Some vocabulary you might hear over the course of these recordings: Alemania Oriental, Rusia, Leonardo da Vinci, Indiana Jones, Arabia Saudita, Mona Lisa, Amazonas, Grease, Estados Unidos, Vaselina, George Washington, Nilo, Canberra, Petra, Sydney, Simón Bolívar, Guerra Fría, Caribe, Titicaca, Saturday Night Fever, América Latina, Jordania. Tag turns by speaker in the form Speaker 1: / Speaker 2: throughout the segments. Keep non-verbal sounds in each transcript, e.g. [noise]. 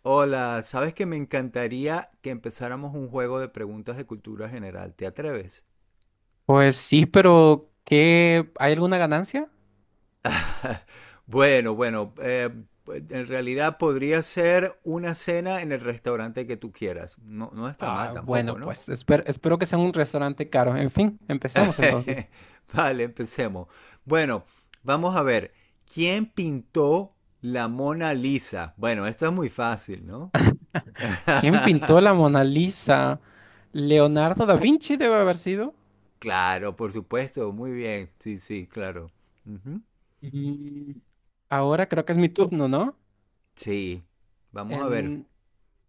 Speaker 1: Hola, ¿sabes que me encantaría que empezáramos un juego de preguntas de cultura general? ¿Te atreves?
Speaker 2: Pues sí, pero ¿qué? ¿Hay alguna ganancia?
Speaker 1: Bueno, bueno, eh, pues, en realidad podría ser una cena en el restaurante que tú quieras. No, no está mal
Speaker 2: Ah,
Speaker 1: tampoco,
Speaker 2: bueno,
Speaker 1: ¿no?
Speaker 2: pues espero que sea un restaurante caro. En fin, empecemos entonces.
Speaker 1: [laughs] Vale, empecemos. Bueno, vamos a ver. ¿Quién pintó la Mona Lisa? Bueno, esto es muy fácil, ¿no?
Speaker 2: ¿Quién pintó la Mona Lisa? Leonardo da Vinci debe haber sido.
Speaker 1: Claro, por supuesto, muy bien. Sí, sí, claro. Ujú.
Speaker 2: Mm, Ahora creo que es mi turno, ¿no?
Speaker 1: Sí, vamos a ver.
Speaker 2: En,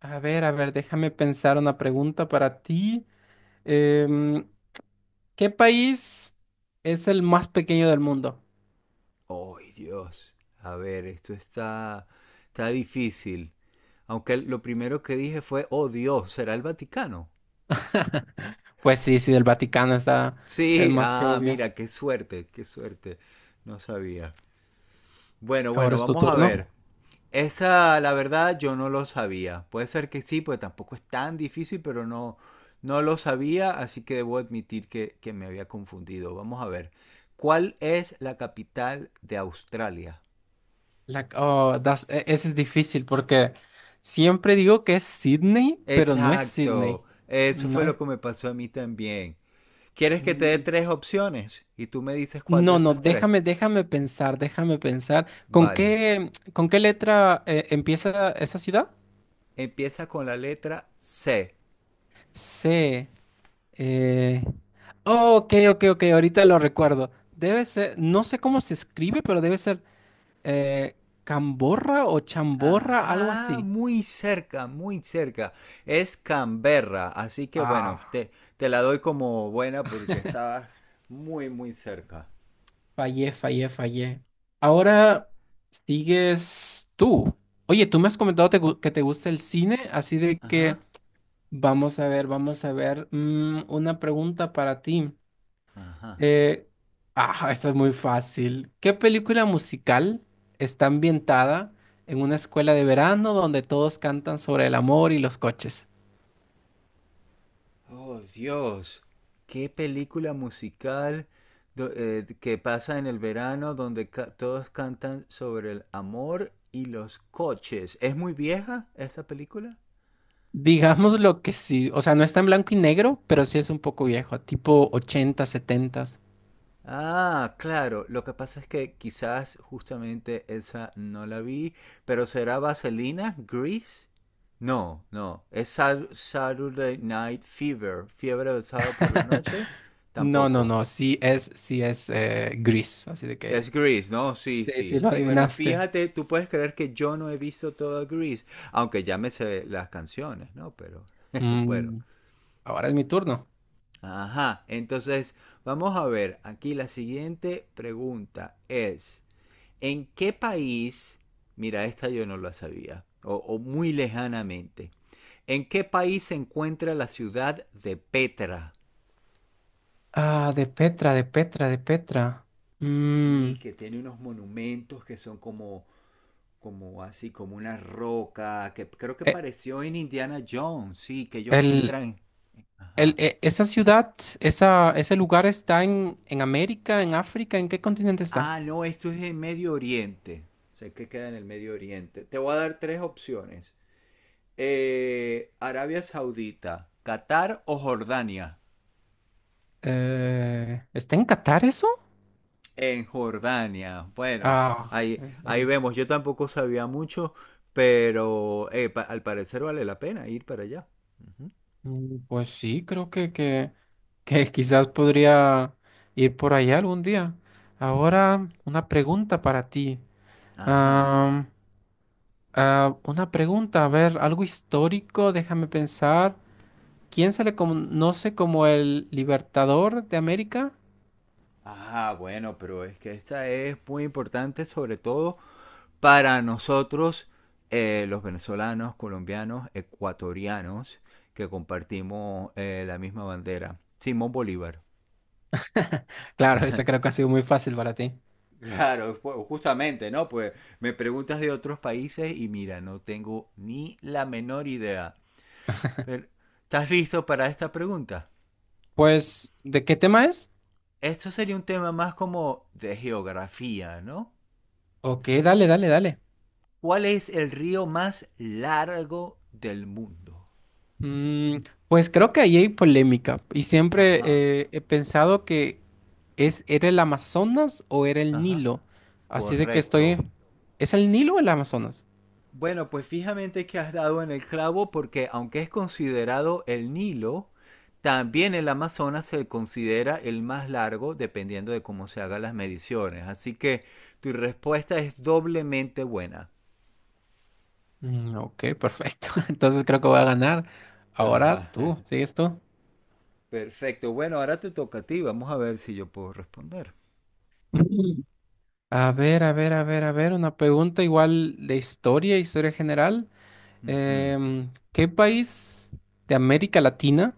Speaker 2: a ver, a ver, déjame pensar una pregunta para ti. Em, ¿Qué país es el más pequeño del mundo?
Speaker 1: ¡Oh, Dios! A ver, está difícil. Aunque lo primero que dije fue, oh Dios, ¿será el Vaticano?
Speaker 2: [laughs] Pues sí, sí, el Vaticano está, es
Speaker 1: Sí,
Speaker 2: más que
Speaker 1: ah,
Speaker 2: obvio.
Speaker 1: mira, qué suerte, qué suerte. No sabía. Bueno,
Speaker 2: Ahora
Speaker 1: bueno,
Speaker 2: es tu
Speaker 1: vamos a ver.
Speaker 2: turno.
Speaker 1: Esa, la verdad, yo no lo sabía. Puede ser que sí, pues tampoco es tan difícil, pero no, no lo sabía, así que debo admitir que me había confundido. Vamos a ver. ¿Cuál es la capital de Australia?
Speaker 2: Oh, ese es difícil porque siempre digo que es Sydney, pero no es Sydney.
Speaker 1: Exacto. Eso
Speaker 2: No
Speaker 1: fue lo
Speaker 2: es.
Speaker 1: que me pasó a mí también. ¿Quieres que te dé
Speaker 2: Mm,
Speaker 1: tres opciones? Y tú me dices cuál de
Speaker 2: No, no,
Speaker 1: esas tres.
Speaker 2: déjame pensar, déjame pensar. ¿Con
Speaker 1: Vale.
Speaker 2: qué, con qué letra empieza esa ciudad?
Speaker 1: Empieza con la letra C.
Speaker 2: C. eh, oh, ok, ok, ok, ahorita lo recuerdo. Debe ser, no sé cómo se escribe, pero debe ser eh, Camborra o Chamborra, algo
Speaker 1: Ajá,
Speaker 2: así.
Speaker 1: muy cerca, muy cerca. Es Canberra, así que
Speaker 2: Ah.
Speaker 1: te la doy como buena porque estabas muy, muy cerca.
Speaker 2: Fallé, fallé, fallé. Ahora sigues tú. Oye, tú me has comentado que te gusta el cine, así de que
Speaker 1: Ajá,
Speaker 2: vamos a ver, vamos a ver. Una pregunta para ti.
Speaker 1: ajá.
Speaker 2: Eh, Esta es muy fácil. ¿Qué película musical está ambientada en una escuela de verano donde todos cantan sobre el amor y los coches?
Speaker 1: Oh, Dios. Qué película musical que pasa en el verano donde todos cantan sobre el amor y los coches. ¿Es muy vieja esta película?
Speaker 2: Digamos lo que sí, o sea, no está en blanco y negro, pero sí es un poco viejo, tipo 80, 70.
Speaker 1: Ah, claro. Lo que pasa es que quizás justamente esa no la vi, pero ¿será Vaselina? ¿Grease? No, no. ¿Es Saturday Night Fever? ¿Fiebre del sábado por la
Speaker 2: [laughs]
Speaker 1: noche?
Speaker 2: No, no,
Speaker 1: Tampoco.
Speaker 2: no, sí es gris, así de
Speaker 1: Es
Speaker 2: que
Speaker 1: Grease, ¿no? Sí,
Speaker 2: sí,
Speaker 1: sí.
Speaker 2: sí lo
Speaker 1: Bueno,
Speaker 2: adivinaste.
Speaker 1: fíjate, tú puedes creer que yo no he visto toda Grease, aunque ya me sé las canciones, ¿no? Pero [laughs] bueno.
Speaker 2: Mm, Ahora es mi turno.
Speaker 1: Ajá, entonces vamos a ver, aquí la siguiente pregunta es, ¿en qué país, mira, esta yo no la sabía, o muy lejanamente, ¿en qué país se encuentra la ciudad de Petra?
Speaker 2: Ah, de Petra, de Petra, de Petra. Mm,
Speaker 1: Sí, que tiene unos monumentos que son como así, como una roca, que creo que
Speaker 2: eh,
Speaker 1: pareció en Indiana Jones, sí, que ellos
Speaker 2: el,
Speaker 1: entran. Ajá.
Speaker 2: esa ciudad, esa, ese lugar está en América, en África, ¿en qué continente está?
Speaker 1: Ah, no, esto es en Medio Oriente. Sé que queda en el Medio Oriente. Te voy a dar tres opciones. Arabia Saudita, Qatar o Jordania.
Speaker 2: ¿Está en Qatar eso?
Speaker 1: En Jordania. Bueno,
Speaker 2: Ah, en
Speaker 1: ahí
Speaker 2: serio.
Speaker 1: vemos. Yo tampoco sabía mucho, pero al parecer vale la pena ir para allá. Ujú.
Speaker 2: Pues sí, creo que, que quizás podría ir por allá algún día. Ahora, una pregunta para ti.
Speaker 1: Ajá.
Speaker 2: Am, una pregunta, a ver, algo histórico, déjame pensar. ¿Quién se le conoce como el Libertador de América? [laughs]
Speaker 1: Ah, bueno, pero es que esta es muy importante, sobre todo para nosotros, los venezolanos, colombianos, ecuatorianos, que compartimos la misma bandera. Simón Bolívar.
Speaker 2: Claro, esa creo que ha sido muy fácil para ti.
Speaker 1: Claro, pues, justamente, ¿no? Pues me preguntas de otros países y mira, no tengo ni la menor idea. Pero, ¿estás listo para esta pregunta?
Speaker 2: Pues, ¿de qué tema es?
Speaker 1: Esto sería un tema más como de geografía, ¿no?
Speaker 2: Ok, dale, dale, dale.
Speaker 1: ¿Cuál es el río más largo del mundo?
Speaker 2: Mm, pues creo que ahí hay polémica y siempre
Speaker 1: Ajá.
Speaker 2: he pensado que ¿Es, era el Amazonas o era el
Speaker 1: Ajá.
Speaker 2: Nilo? Así de que estoy.
Speaker 1: Correcto.
Speaker 2: ¿Es el Nilo o el Amazonas?
Speaker 1: Bueno, pues fijamente que has dado en el clavo porque aunque es considerado el Nilo, también el Amazonas se considera el más largo dependiendo de cómo se hagan las mediciones. Así que tu respuesta es doblemente buena.
Speaker 2: Mm, ok, perfecto. [laughs] Entonces creo que voy a ganar. Ahora
Speaker 1: Ajá.
Speaker 2: tú,
Speaker 1: [laughs]
Speaker 2: ¿sigues tú?
Speaker 1: Perfecto. Bueno, ahora te toca a ti. Vamos a ver si yo puedo responder.
Speaker 2: [laughs] A ver, a ver, a ver, a ver, una pregunta igual de historia, historia general.
Speaker 1: Ujú.
Speaker 2: ¿Qué país de América Latina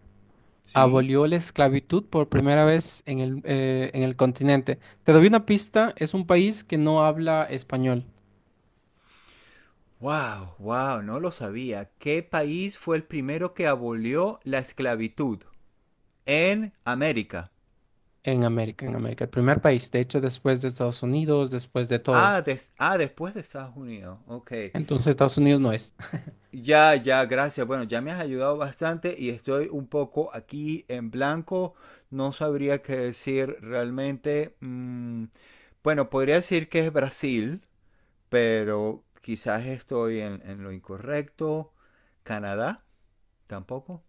Speaker 1: ¿Sí?
Speaker 2: abolió la esclavitud por primera vez en el continente? Te doy una pista, es un país que no habla español.
Speaker 1: Wow, wow, no lo sabía. ¿Qué país fue el primero que abolió la esclavitud en América?
Speaker 2: En América, el primer país, de hecho, después de Estados Unidos, después de
Speaker 1: Ah,
Speaker 2: todos.
Speaker 1: des- ah, después de Estados Unidos. Ok.
Speaker 2: Entonces, Estados Unidos no es. [laughs]
Speaker 1: Ya, ya, gracias. Bueno, ya me has ayudado bastante y estoy un poco aquí en blanco. No sabría qué decir realmente. Mm, bueno, podría decir que es Brasil, pero quizás estoy en lo incorrecto. Canadá, tampoco.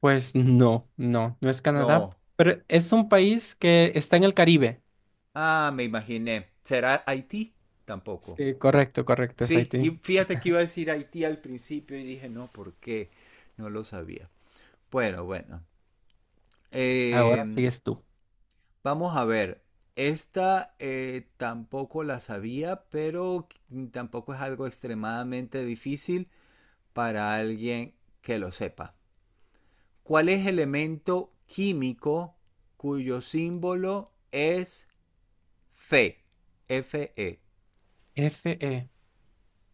Speaker 2: Pues no, no, no es Canadá,
Speaker 1: No.
Speaker 2: pero es un país que está en el Caribe.
Speaker 1: Ah, me imaginé. ¿Será Haití? Tampoco.
Speaker 2: Sí, correcto, correcto, es
Speaker 1: Sí, y
Speaker 2: Haití.
Speaker 1: fíjate que iba a decir Haití al principio y dije, no, ¿por qué? No lo sabía. Bueno, bueno.
Speaker 2: Ahora
Speaker 1: Eh,
Speaker 2: sigues tú.
Speaker 1: vamos a ver. Esta tampoco la sabía, pero tampoco es algo extremadamente difícil para alguien que lo sepa. ¿Cuál es el elemento químico cuyo símbolo es Fe? Fe.
Speaker 2: Fe.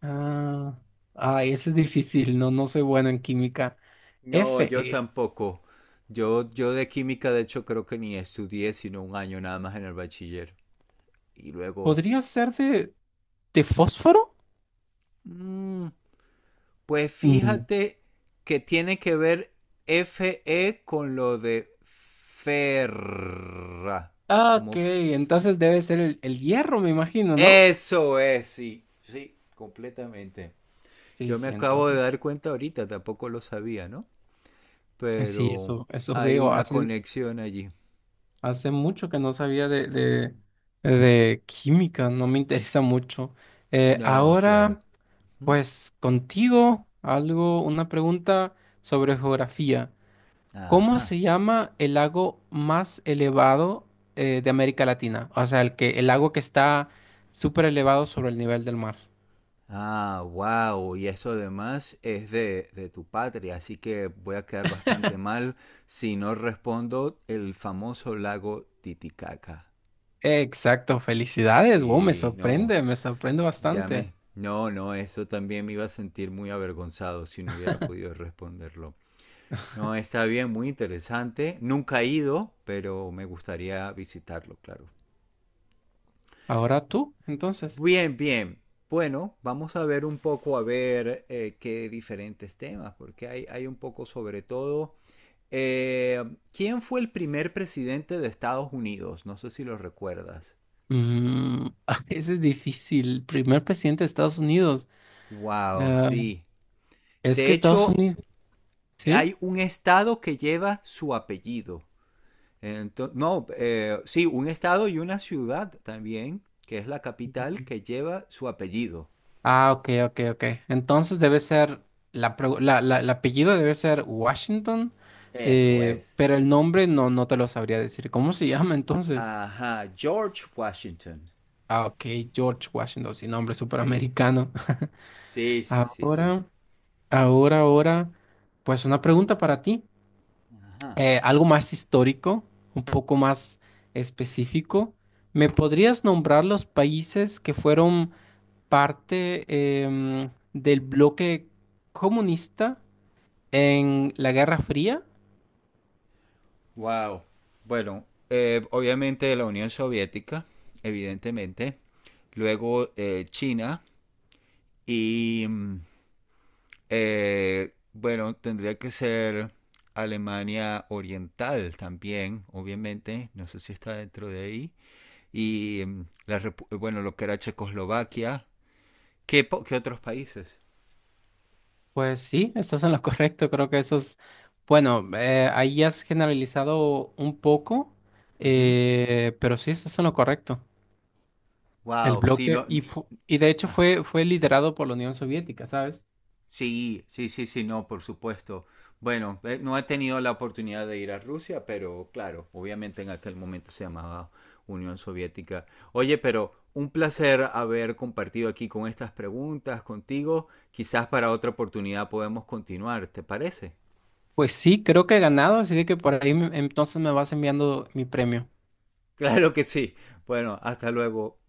Speaker 2: Ah, Ay, ese es difícil, no, no soy bueno en química.
Speaker 1: No, yo
Speaker 2: Fe.
Speaker 1: tampoco. Yo de química, de hecho, creo que ni estudié, sino un año nada más en el bachiller. Y luego,
Speaker 2: ¿Podría ser de, fósforo?
Speaker 1: mm, pues
Speaker 2: Mm.
Speaker 1: fíjate que tiene que ver FE con lo de ferra.
Speaker 2: Ah,
Speaker 1: Como
Speaker 2: ok,
Speaker 1: f-
Speaker 2: entonces debe ser el hierro, me imagino, ¿no?
Speaker 1: Eso es, sí. Sí, completamente.
Speaker 2: Sí,
Speaker 1: Yo me
Speaker 2: sí,
Speaker 1: acabo de
Speaker 2: entonces
Speaker 1: dar cuenta ahorita, tampoco lo sabía, ¿no?
Speaker 2: sí,
Speaker 1: Pero
Speaker 2: eso
Speaker 1: hay
Speaker 2: veo.
Speaker 1: una conexión allí.
Speaker 2: Hace mucho que no sabía de química, no me [laughs] interesa mucho.
Speaker 1: No, claro.
Speaker 2: Ahora,
Speaker 1: ¿Mm?
Speaker 2: pues contigo, algo, una pregunta sobre geografía. ¿Cómo
Speaker 1: Ajá.
Speaker 2: se llama el lago más elevado de América Latina? O sea, el que, el lago que está súper elevado sobre el nivel del mar.
Speaker 1: Ah, wow, y eso además es de tu patria, así que voy a quedar bastante
Speaker 2: [laughs]
Speaker 1: mal si no respondo el famoso lago Titicaca.
Speaker 2: Exacto, felicidades. Wow,
Speaker 1: Sí, no,
Speaker 2: me sorprende
Speaker 1: ya
Speaker 2: bastante.
Speaker 1: me... No, no, eso también me iba a sentir muy avergonzado si no hubiera podido responderlo. No,
Speaker 2: [laughs]
Speaker 1: está bien, muy interesante. Nunca he ido, pero me gustaría visitarlo, claro.
Speaker 2: Ahora tú, entonces.
Speaker 1: Bien, bien. Bueno, vamos a ver un poco a ver qué diferentes temas, porque hay un poco sobre todo. eh, ¿Quién fue el primer presidente de Estados Unidos? No sé si lo recuerdas.
Speaker 2: Mm, [laughs] ese es difícil. Primer presidente de Estados Unidos.
Speaker 1: Wow,
Speaker 2: Eh,
Speaker 1: sí.
Speaker 2: es
Speaker 1: De
Speaker 2: que Estados
Speaker 1: hecho,
Speaker 2: Unidos, ¿sí?
Speaker 1: hay un estado que lleva su apellido. Ento- no, sí, un estado y una ciudad también, que es la capital, que lleva su apellido.
Speaker 2: Ah, ok, ok, ok. Entonces debe ser, la, pregu- la- el apellido debe ser Washington,
Speaker 1: Eso es.
Speaker 2: pero el nombre no, no te lo sabría decir. ¿Cómo se [laughs] llama entonces?
Speaker 1: Ajá, George Washington.
Speaker 2: Ah, ok, George Washington, sin nombre
Speaker 1: Sí.
Speaker 2: superamericano. [laughs]
Speaker 1: Sí, sí, sí, sí.
Speaker 2: Ahora, ahora, ahora, pues una pregunta para ti.
Speaker 1: Ajá.
Speaker 2: Algo más histórico, un poco más específico. ¿Me podrías nombrar los países que fueron parte del bloque comunista en la Guerra Fría?
Speaker 1: Wow. Bueno, obviamente la Unión Soviética, evidentemente. Luego China y mm, bueno, tendría que ser Alemania Oriental también, obviamente. No sé si está dentro de ahí. Y mm, bueno, lo que era Checoslovaquia. ¿Qué, qué otros países?
Speaker 2: Pues sí, estás en lo correcto. Creo que eso es, bueno, ahí has generalizado un poco, pero sí estás en lo correcto. El
Speaker 1: Wow. Sí,
Speaker 2: bloque,
Speaker 1: no, no-
Speaker 2: y, y de hecho fue liderado por la Unión Soviética, ¿sabes?
Speaker 1: Sí, sí, sí, sí, no, por supuesto. Bueno, no he tenido la oportunidad de ir a Rusia, pero claro, obviamente en aquel momento se llamaba Unión Soviética. Oye, pero un placer haber compartido aquí con estas preguntas contigo. Quizás para otra oportunidad podemos continuar, ¿te parece?
Speaker 2: Pues sí, creo que he ganado, así de que por ahí entonces me vas enviando mi premio.
Speaker 1: Claro que sí. Bueno, hasta luego.